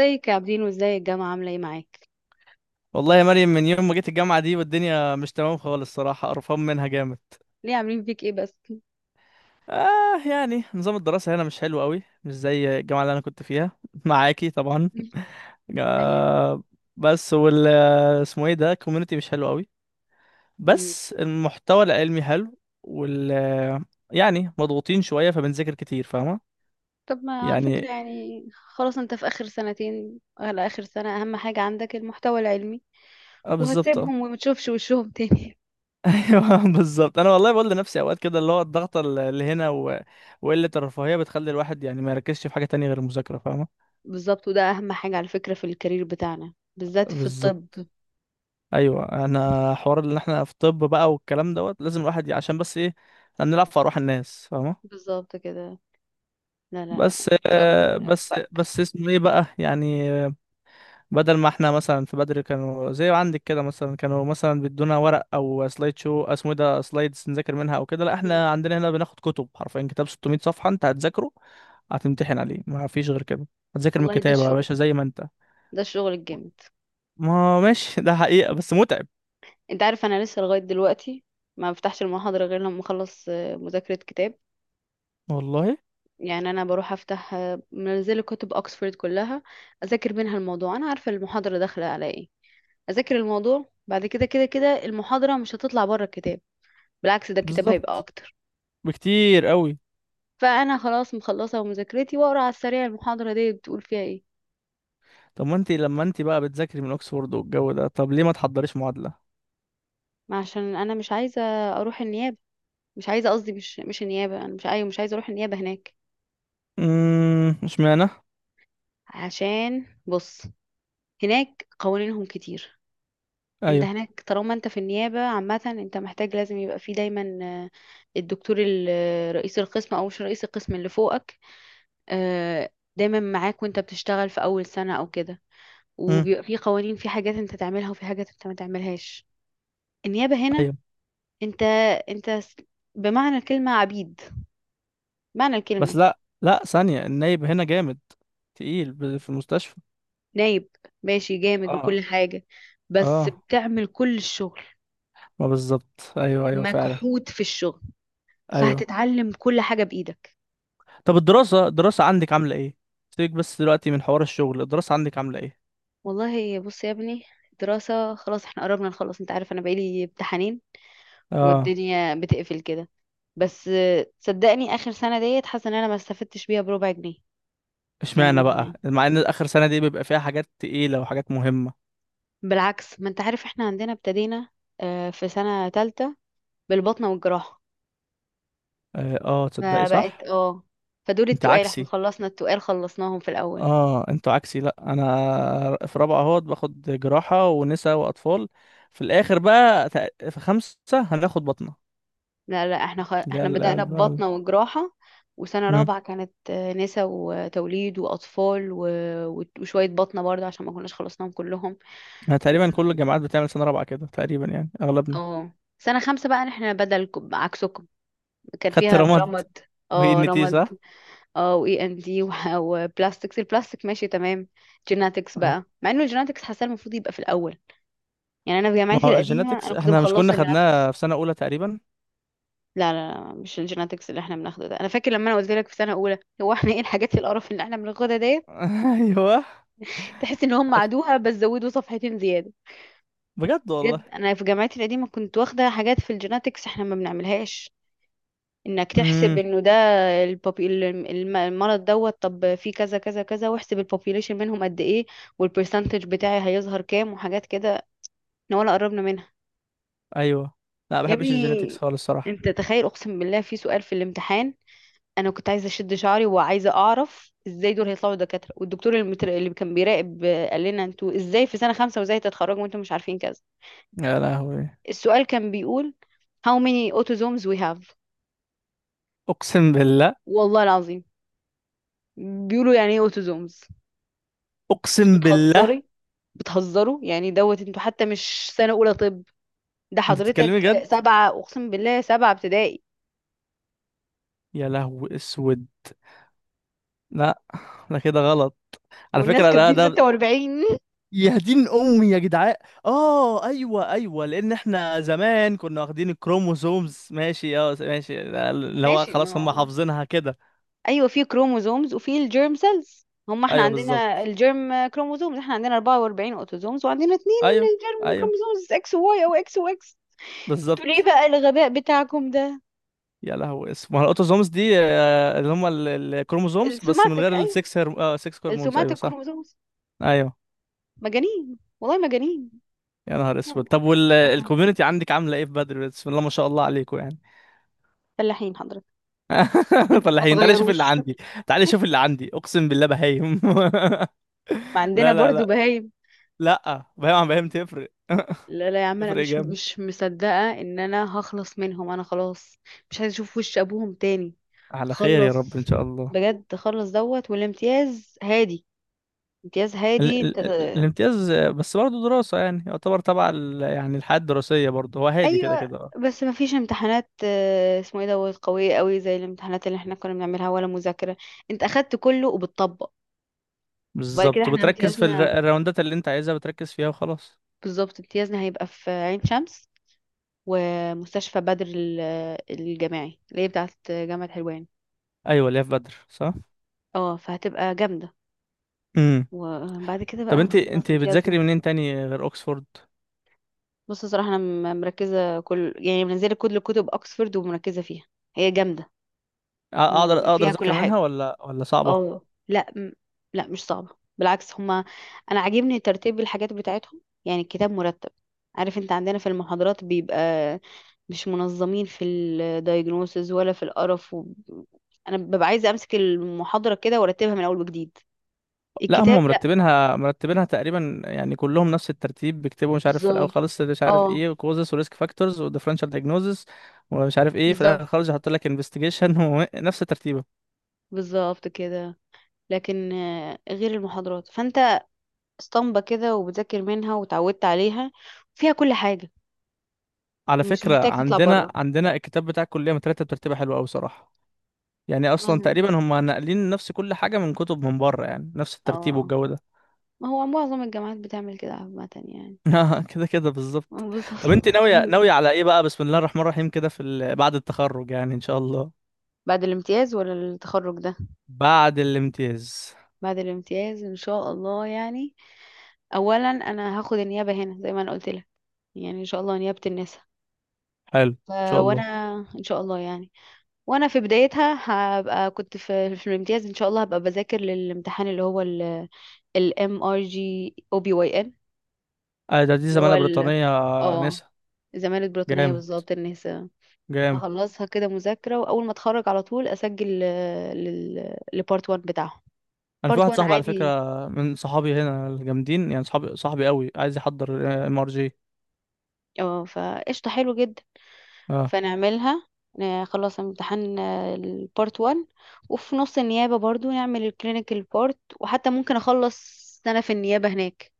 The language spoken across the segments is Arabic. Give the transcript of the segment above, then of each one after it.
ازيك يا عابدين وازاي الجامعة عاملة ايه معاك؟ والله يا مريم، من يوم ما جيت الجامعة دي والدنيا مش تمام خالص. صراحة قرفان منها جامد. ليه عاملين فيك ايه بس؟ يعني نظام الدراسة هنا مش حلو قوي، مش زي الجامعة اللي أنا كنت فيها معاكي طبعا. أيام. آه. بس وال اسمه ايه ده، كوميونتي، مش حلو قوي. مم. بس المحتوى العلمي حلو يعني مضغوطين شوية فبنذاكر كتير، فاهمة؟ طب، ما على فكرة يعني، يعني خلاص انت في آخر سنتين على آخر سنة، أهم حاجة عندك المحتوى العلمي. اه بالظبط، آه. وهتسيبهم وما تشوفش وشهم تاني. ايوه بالظبط. انا والله بقول لنفسي اوقات كده، اللي هو الضغط اللي هنا وقله الرفاهيه بتخلي الواحد يعني ما يركزش في حاجه تانية غير المذاكره، فاهمه؟ بالظبط، وده أهم حاجة على فكرة في الكارير بتاعنا، بالذات في الطب. بالظبط. ايوه، انا حوار ان احنا في طب بقى، والكلام دوت لازم الواحد عشان بس ايه، إحنا بنلعب في ارواح الناس، فاهمه؟ بالظبط كده. لا لا، بس إن شاء الله آه، ربنا بس يوفقك. بس اسمه ايه بقى يعني. بدل ما احنا مثلا في بدري كانوا زي عندك كده، مثلا كانوا مثلا بيدونا ورق او سلايد، شو اسمه إيه ده، سلايدز، نذاكر منها او كده. لا مم. احنا عندنا هنا بناخد كتب حرفيا، كتاب 600 صفحة انت هتذاكره، هتمتحن عليه، ما فيش غير كده. هتذاكر من والله ده الكتاب يا الشغل. باشا زي ما انت. ده الشغل الجامد. ما ماشي ده حقيقة بس متعب. انت عارف أنا لسه لغاية دلوقتي ما بفتحش المحاضرة غير لما أخلص مذاكرة كتاب. والله. يعني انا بروح افتح منزله كتب اوكسفورد كلها، اذاكر منها الموضوع، انا عارفه المحاضره داخله على ايه. اذاكر الموضوع بعد كده كده كده، المحاضره مش هتطلع بره الكتاب. بالعكس، ده الكتاب هيبقى بالظبط. اكتر. بكتير قوي. فانا خلاص مخلصه مذاكرتي واقرا على السريع المحاضره دي بتقول فيها ايه. طب ما انت لما انت بقى بتذاكري من اوكسفورد والجو ده، طب ليه ما تحضريش معادلة؟ ما عشان انا مش عايزه اروح النيابه. مش عايزه، قصدي مش النيابه، انا مش عايزه اروح النيابه هناك. مش معنى. عشان بص، هناك قوانينهم كتير. انت ايوه. هناك طالما انت في النيابة عامة، انت محتاج لازم يبقى فيه دايما الدكتور رئيس القسم او مش رئيس القسم اللي فوقك، آه، دايما معاك وانت بتشتغل في اول سنة او كده. امم وبيبقى فيه قوانين، في حاجات انت تعملها وفي حاجات انت ما تعملهاش. النيابة هنا ايوه. انت انت س- بمعنى الكلمة عبيد. معنى بس الكلمة. لا لا، ثانية، النايب هنا جامد تقيل في المستشفى. نايب ماشي جامد اه. وكل حاجة، بس اه. بتعمل كل الشغل، ما بالظبط، ايوه ايوه فعلا. مجحود في الشغل، ايوه. فهتتعلم كل حاجة بإيدك. طب الدراسة عندك عاملة ايه؟ سيبك بس دلوقتي من حوار الشغل، الدراسة عندك عاملة ايه؟ والله بص يا ابني، دراسة خلاص احنا قربنا نخلص، انت عارف انا بقالي امتحانين اه. والدنيا بتقفل كده. بس صدقني اخر سنة ديت حاسة ان انا ما استفدتش بيها بربع جنيه. اشمعنى بقى؟ يعني مع ان اخر سنة دي بيبقى فيها حاجات تقيلة وحاجات مهمة. بالعكس، ما انت عارف احنا عندنا ابتدينا في سنة تالتة بالبطنة والجراحة، اه، تصدقي فبقت صح؟ اه، فدول انت التقال احنا عكسي. خلصنا التقال خلصناهم في الاول. اه، انتوا عكسي. لا، انا في رابعة اهوت باخد جراحة ونساء واطفال. في الاخر بقى في خمسة هناخد بطنة. لا لا، احنا اللي هي احنا ال- بدأنا ال- ال- ببطنة وجراحة، وسنة مم. رابعة كانت نسا وتوليد وأطفال وشوية بطنة برضه عشان ما كناش خلصناهم كلهم. ما و... تقريبا كل الجامعات بتعمل سنة رابعة كده تقريبا يعني، أغلبنا. اه سنة خمسة بقى احنا بدلكم عكسكم، كان خدت فيها رماد رمد. وهي اه ان تي صح؟ رمد، اه واي ان دي، وبلاستكس البلاستيك. ماشي تمام. جيناتكس أيوة. بقى، مع انه الجيناتكس حاسه المفروض يبقى في الاول. يعني انا في ما جامعتي هو القديمه الجيناتكس انا كنت احنا مش كنا مخلصه جيناتكس. خدناها في سنة أولى تقريبا. لا لا لا، مش الجيناتكس اللي احنا بناخده ده. انا فاكر لما انا قلت لك في سنه اولى، هو احنا ايه الحاجات القرف اللي احنا بناخدها ديت؟ أيوه. تحس ان هم أت- عادوها بس زودوا صفحتين زياده. بجد والله. بجد، انا في جامعتي القديمه كنت واخده حاجات في الجيناتكس احنا ما بنعملهاش. انك تحسب امم. انه ده البوبي المرض دوت، طب في كذا كذا كذا، واحسب البوبيليشن منهم قد ايه، والبرسنتج بتاعي هيظهر كام، وحاجات كده. احنا ولا قربنا منها. أيوه. لا ما يا بحبش الجيناتكس ابني خالص الصراحة. انت تخيل، اقسم بالله في سؤال في الامتحان، انا كنت عايزه اشد شعري وعايزه اعرف ازاي دول هيطلعوا دكاتره. والدكتور اللي كان بيراقب قال لنا انتوا ازاي في سنه خمسه وازاي هتتخرجوا وانتوا مش عارفين كذا. يا لهوي. السؤال كان بيقول how many autosomes we have. أقسم بالله. والله العظيم. بيقولوا يعني ايه autosomes. انتوا أقسم بالله. بتهزري، بتهزروا يعني دوت، انتوا حتى مش سنه اولى طب، ده أنت بتتكلمي حضرتك جد؟ سبعه اقسم بالله سبعه ابتدائي. يا لهوي أسود. لا. ده كده غلط. على والناس فكرة ده كاتبين ده 46. يا دين امي يا جدعان. اه ايوه ايوه، لان احنا زمان كنا واخدين الكروموسومز، ماشي، اه ماشي، اللي هو ماشي، ما خلاص هم هو حافظينها كده. ايوه، في كروموزومز وفي الجيرم سيلز. هم احنا ايوه عندنا بالظبط. الجيرم كروموزومز، احنا عندنا 44 اوتوزومز وعندنا اتنين ايوه. جيرم ايوه كروموزومز، اكس وواي او اكس واكس. انتوا ليه بالظبط. بقى الغباء بتاعكم ده؟ يا لهوي، اسمها الاوتوزومز دي، اللي هم الكروموسومز بس من السوماتيك، غير ايوه السكس اه، سكس هرمونز، ايوه السوماتيك صح. كروموزومز. ايوه. مجانين والله مجانين. يا نهار اسود، يلا، طب سيبك منهم. والكوميونتي عندك عامله ايه في بدر؟ بسم الله ما شاء الله عليكم يعني. فلاحين حضرتك. ما فلاحين، تعالى شوف اللي تغيروش. عندي. تعالى شوف اللي عندي، اقسم بالله، بهايم ما عندنا لا برضو لا. بهايم. لا، بعيد عن بعيد، تفرق لا لا يا عم، انا تفرق مش جامد. مش مصدقه ان انا هخلص منهم. انا خلاص مش عايزه اشوف وش ابوهم تاني. على خير يا رب، ان خلص، شاء الله. بجد خلص دوت. والامتياز هادي. امتياز هادي ال انت. ال ال الامتياز، بس برضه دراسة يعني، يعتبر تبع يعني الحياة الدراسية برضه، هو هادي كده ايوه كده، اه. بس ما فيش امتحانات اسمه ايه دوت، قويه قوي زي الامتحانات اللي احنا كنا بنعملها، ولا مذاكره. انت اخدت كله وبتطبق. وبعد كده بالظبط، احنا وبتركز في امتيازنا. الراوندات اللي انت عايزها، بتركز فيها وخلاص. بالظبط، امتيازنا هيبقى في عين شمس، ومستشفى بدر الجامعي اللي هي بتاعت جامعه حلوان. ايوه، اللي هي في بدر صح. اه فهتبقى جامده. امم. وبعد كده طب بقى انت نخلص انت بتذاكري امتيازنا. منين تاني غير اوكسفورد؟ بص صراحة أنا مركزة كل، يعني منزلة كل كتب أكسفورد ومركزة فيها. هي جامدة، اقدر اقدر فيها كل اذاكر منها حاجة. ولا صعبة؟ اه لا، لا مش صعبة. بالعكس هما، أنا عاجبني ترتيب الحاجات بتاعتهم، يعني الكتاب مرتب. عارف انت عندنا في المحاضرات بيبقى مش منظمين في الدايجنوسز ولا في القرف. و... أنا ببقى عايزة أمسك المحاضرة كده وأرتبها من أول وجديد. لا، هم الكتاب لا. مرتبينها تقريبا يعني، كلهم نفس الترتيب، بيكتبوا مش عارف في الاول بالظبط، خالص مش عارف اه ايه، كوزس، وريسك فاكتورز، وديفرنشال دايجنوزس، ومش عارف ايه في الاخر بالظبط. خالص يحط لك انفستيجيشن ونفس ترتيبه. بالظبط كده. لكن غير المحاضرات فانت اسطمبة كده وبذاكر منها وتعودت عليها، فيها كل حاجة، على مش فكره محتاج تطلع عندنا بره. عندنا الكتاب بتاع الكليه مترتب ترتيبه حلوه قوي صراحه. يعني ما اصلا تقريبا هم ناقلين نفس كل حاجه من كتب من بره يعني، نفس الترتيب اه والجو ده. ما هو معظم الجامعات بتعمل كده عامة يعني. كده كده بالظبط. بالظبط، طب انت ناويه هيعملوا ايه. ناويه على ايه بقى؟ بسم الله الرحمن الرحيم كده في بعد التخرج يعني، ان شاء الله؟ بعد الامتياز ولا التخرج ده؟ بعد الامتياز. بعد الامتياز ان شاء الله يعني. اولا انا هاخد النيابة هنا زي ما انا قلت لك، يعني ان شاء الله نيابة النساء. حلو، ان ف- شاء وانا الله. ان شاء الله يعني، وانا في بدايتها هبقى كنت في الامتياز ان شاء الله هبقى بذاكر للامتحان، اللي هو الام ار جي او بي واي. آه، ده دي اللي هو زمالة ال، بريطانية، اه نسا. الزمالة البريطانية جامد. بالظبط، النساء. جامد. اخلصها كده مذاكرة، واول ما اتخرج على طول اسجل لبارت 1 بتاعهم. انا في بارت واحد 1 صاحبي على عادي، فكرة، من صحابي هنا الجامدين يعني، صحابي، صاحبي قوي، عايز يحضر ام ار جي. اه فقشطة، حلو جدا. اه. فنعملها، خلاص امتحان البارت 1، وفي نص النيابة برضو نعمل الكلينيكال بارت. وحتى ممكن اخلص سنة في النيابة هناك،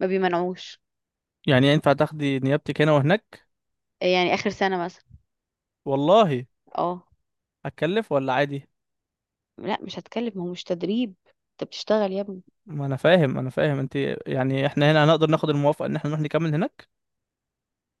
ما بيمنعوش، يعني ينفع تاخدي نيابتك هنا وهناك؟ يعني اخر سنة مثلا. والله. اه هتكلف ولا عادي؟ لا مش هتكلم، ما هو مش تدريب، انت بتشتغل يا ابني. ما انا فاهم، انا فاهم انت. يعني احنا هنا هنقدر ناخد الموافقة ان احنا نروح نكمل هناك.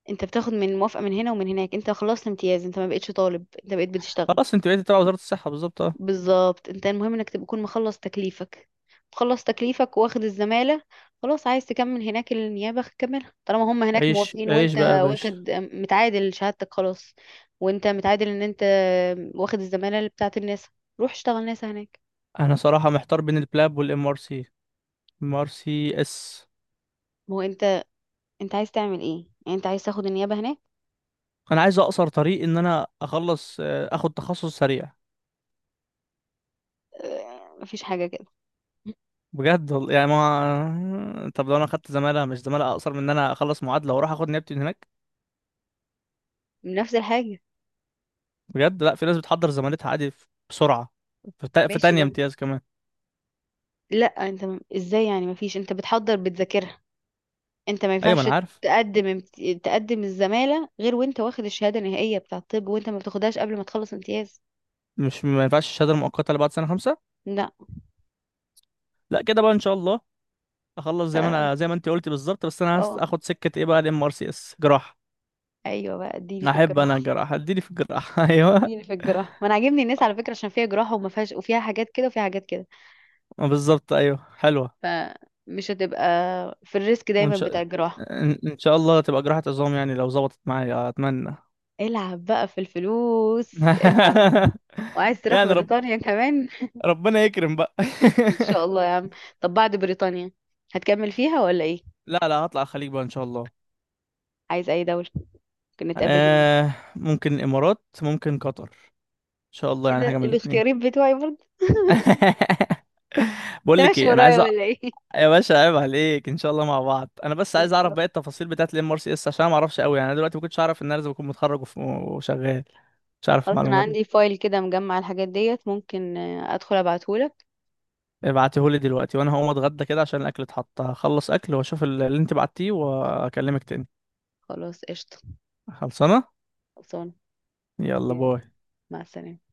انت بتاخد من موافقة من هنا ومن هناك. انت خلصت امتياز، انت ما بقتش طالب، انت بقيت بتشتغل. خلاص انت بقيتي تبع وزارة الصحة، بالظبط اه. بالظبط، انت المهم انك تكون مخلص تكليفك. مخلص تكليفك واخد الزمالة، خلاص عايز تكمل هناك النيابة كملها طالما هم هناك عيش موافقين عيش وانت بقى يا باشا. واخد متعادل شهادتك خلاص. وانت متعادل ان انت واخد الزمالة اللي بتاعت الناس، روح اشتغل ناسا هناك. انا صراحة محتار بين البلاب والام ار سي. ام ار سي اس. ما هو انت، انت عايز تعمل ايه يعني؟ انت عايز تاخد النيابة هناك؟ انا عايز اقصر طريق، ان انا اخلص، اخد تخصص سريع. اه، مفيش حاجة كده. بجد والله يعني. ما طب لو انا خدت زمالة، مش زمالة اقصر من ان انا اخلص معادلة واروح اخد نيابتي من هناك؟ نفس الحاجة. بجد. لا، في ناس بتحضر زمالتها عادي بسرعة. في ماشي تانية بس، امتياز كمان. لا انت ازاي يعني مفيش، انت بتحضر بتذاكرها. انت ما ايوه ما ينفعش انا عارف. تقدم تقدم الزمالة غير وانت واخد الشهادة النهائية بتاع الطب، وانت ما بتاخدهاش قبل ما تخلص امتياز. مش ما ينفعش الشهادة المؤقتة اللي بعد سنة خمسة؟ لا. لا، كده بقى ان شاء الله. اخلص زي ما ف انا، زي ما انت قلتي بالظبط، بس انا اه اخد سكة ايه بقى؟ الام ار سي اس جراحة. ايوه بقى اديني في احب انا الجراحة. الجراحة، اديني في الجراحة ايوه. اديني في الجراحة، ما انا عاجبني الناس على فكرة عشان فيها جراحة وما فيهاش، وفيها حاجات كده وفيها حاجات كده، بالظبط، ايوه حلوة. فمش هتبقى في الريسك وان دايما بتاع شاء الجراحة. ان إن شاء الله تبقى جراحة عظام يعني لو ظبطت معايا، اتمنى. العب بقى في الفلوس، العب. وعايز تروح يعني، بريطانيا كمان. ربنا يكرم بقى. ان شاء الله يا عم. طب بعد بريطانيا هتكمل فيها ولا ايه؟ لا لا، هطلع الخليج بقى ان شاء الله. عايز اي دولة؟ ممكن نتقابل هناك. ممكن الامارات، ممكن قطر، ان شاء الله ايه يعني، ده، حاجه من الاثنين. الاختيارات بتوعي برضه. بقول انت لك ماشي ايه، انا عايز ورايا ولا ايه؟ يا باشا عيب عليك، ان شاء الله مع بعض. انا بس عايز اعرف باقي التفاصيل بتاعت الام ار سي اس، عشان أنا ما اعرفش قوي يعني. انا دلوقتي ما كنتش اعرف ان انا لازم اكون متخرج وشغال، مش عارف خلاص انا المعلومه دي. عندي فايل كده مجمع الحاجات ديت، ممكن ادخل ابعتهولك. ابعتهولي دلوقتي، وانا هقوم اتغدى كده عشان الاكل اتحط، هخلص اكل واشوف اللي انت بعتيه واكلمك تاني. خلاص قشطة. خلصانه. خلصانة. يلا يلا. باي. مع السلامة.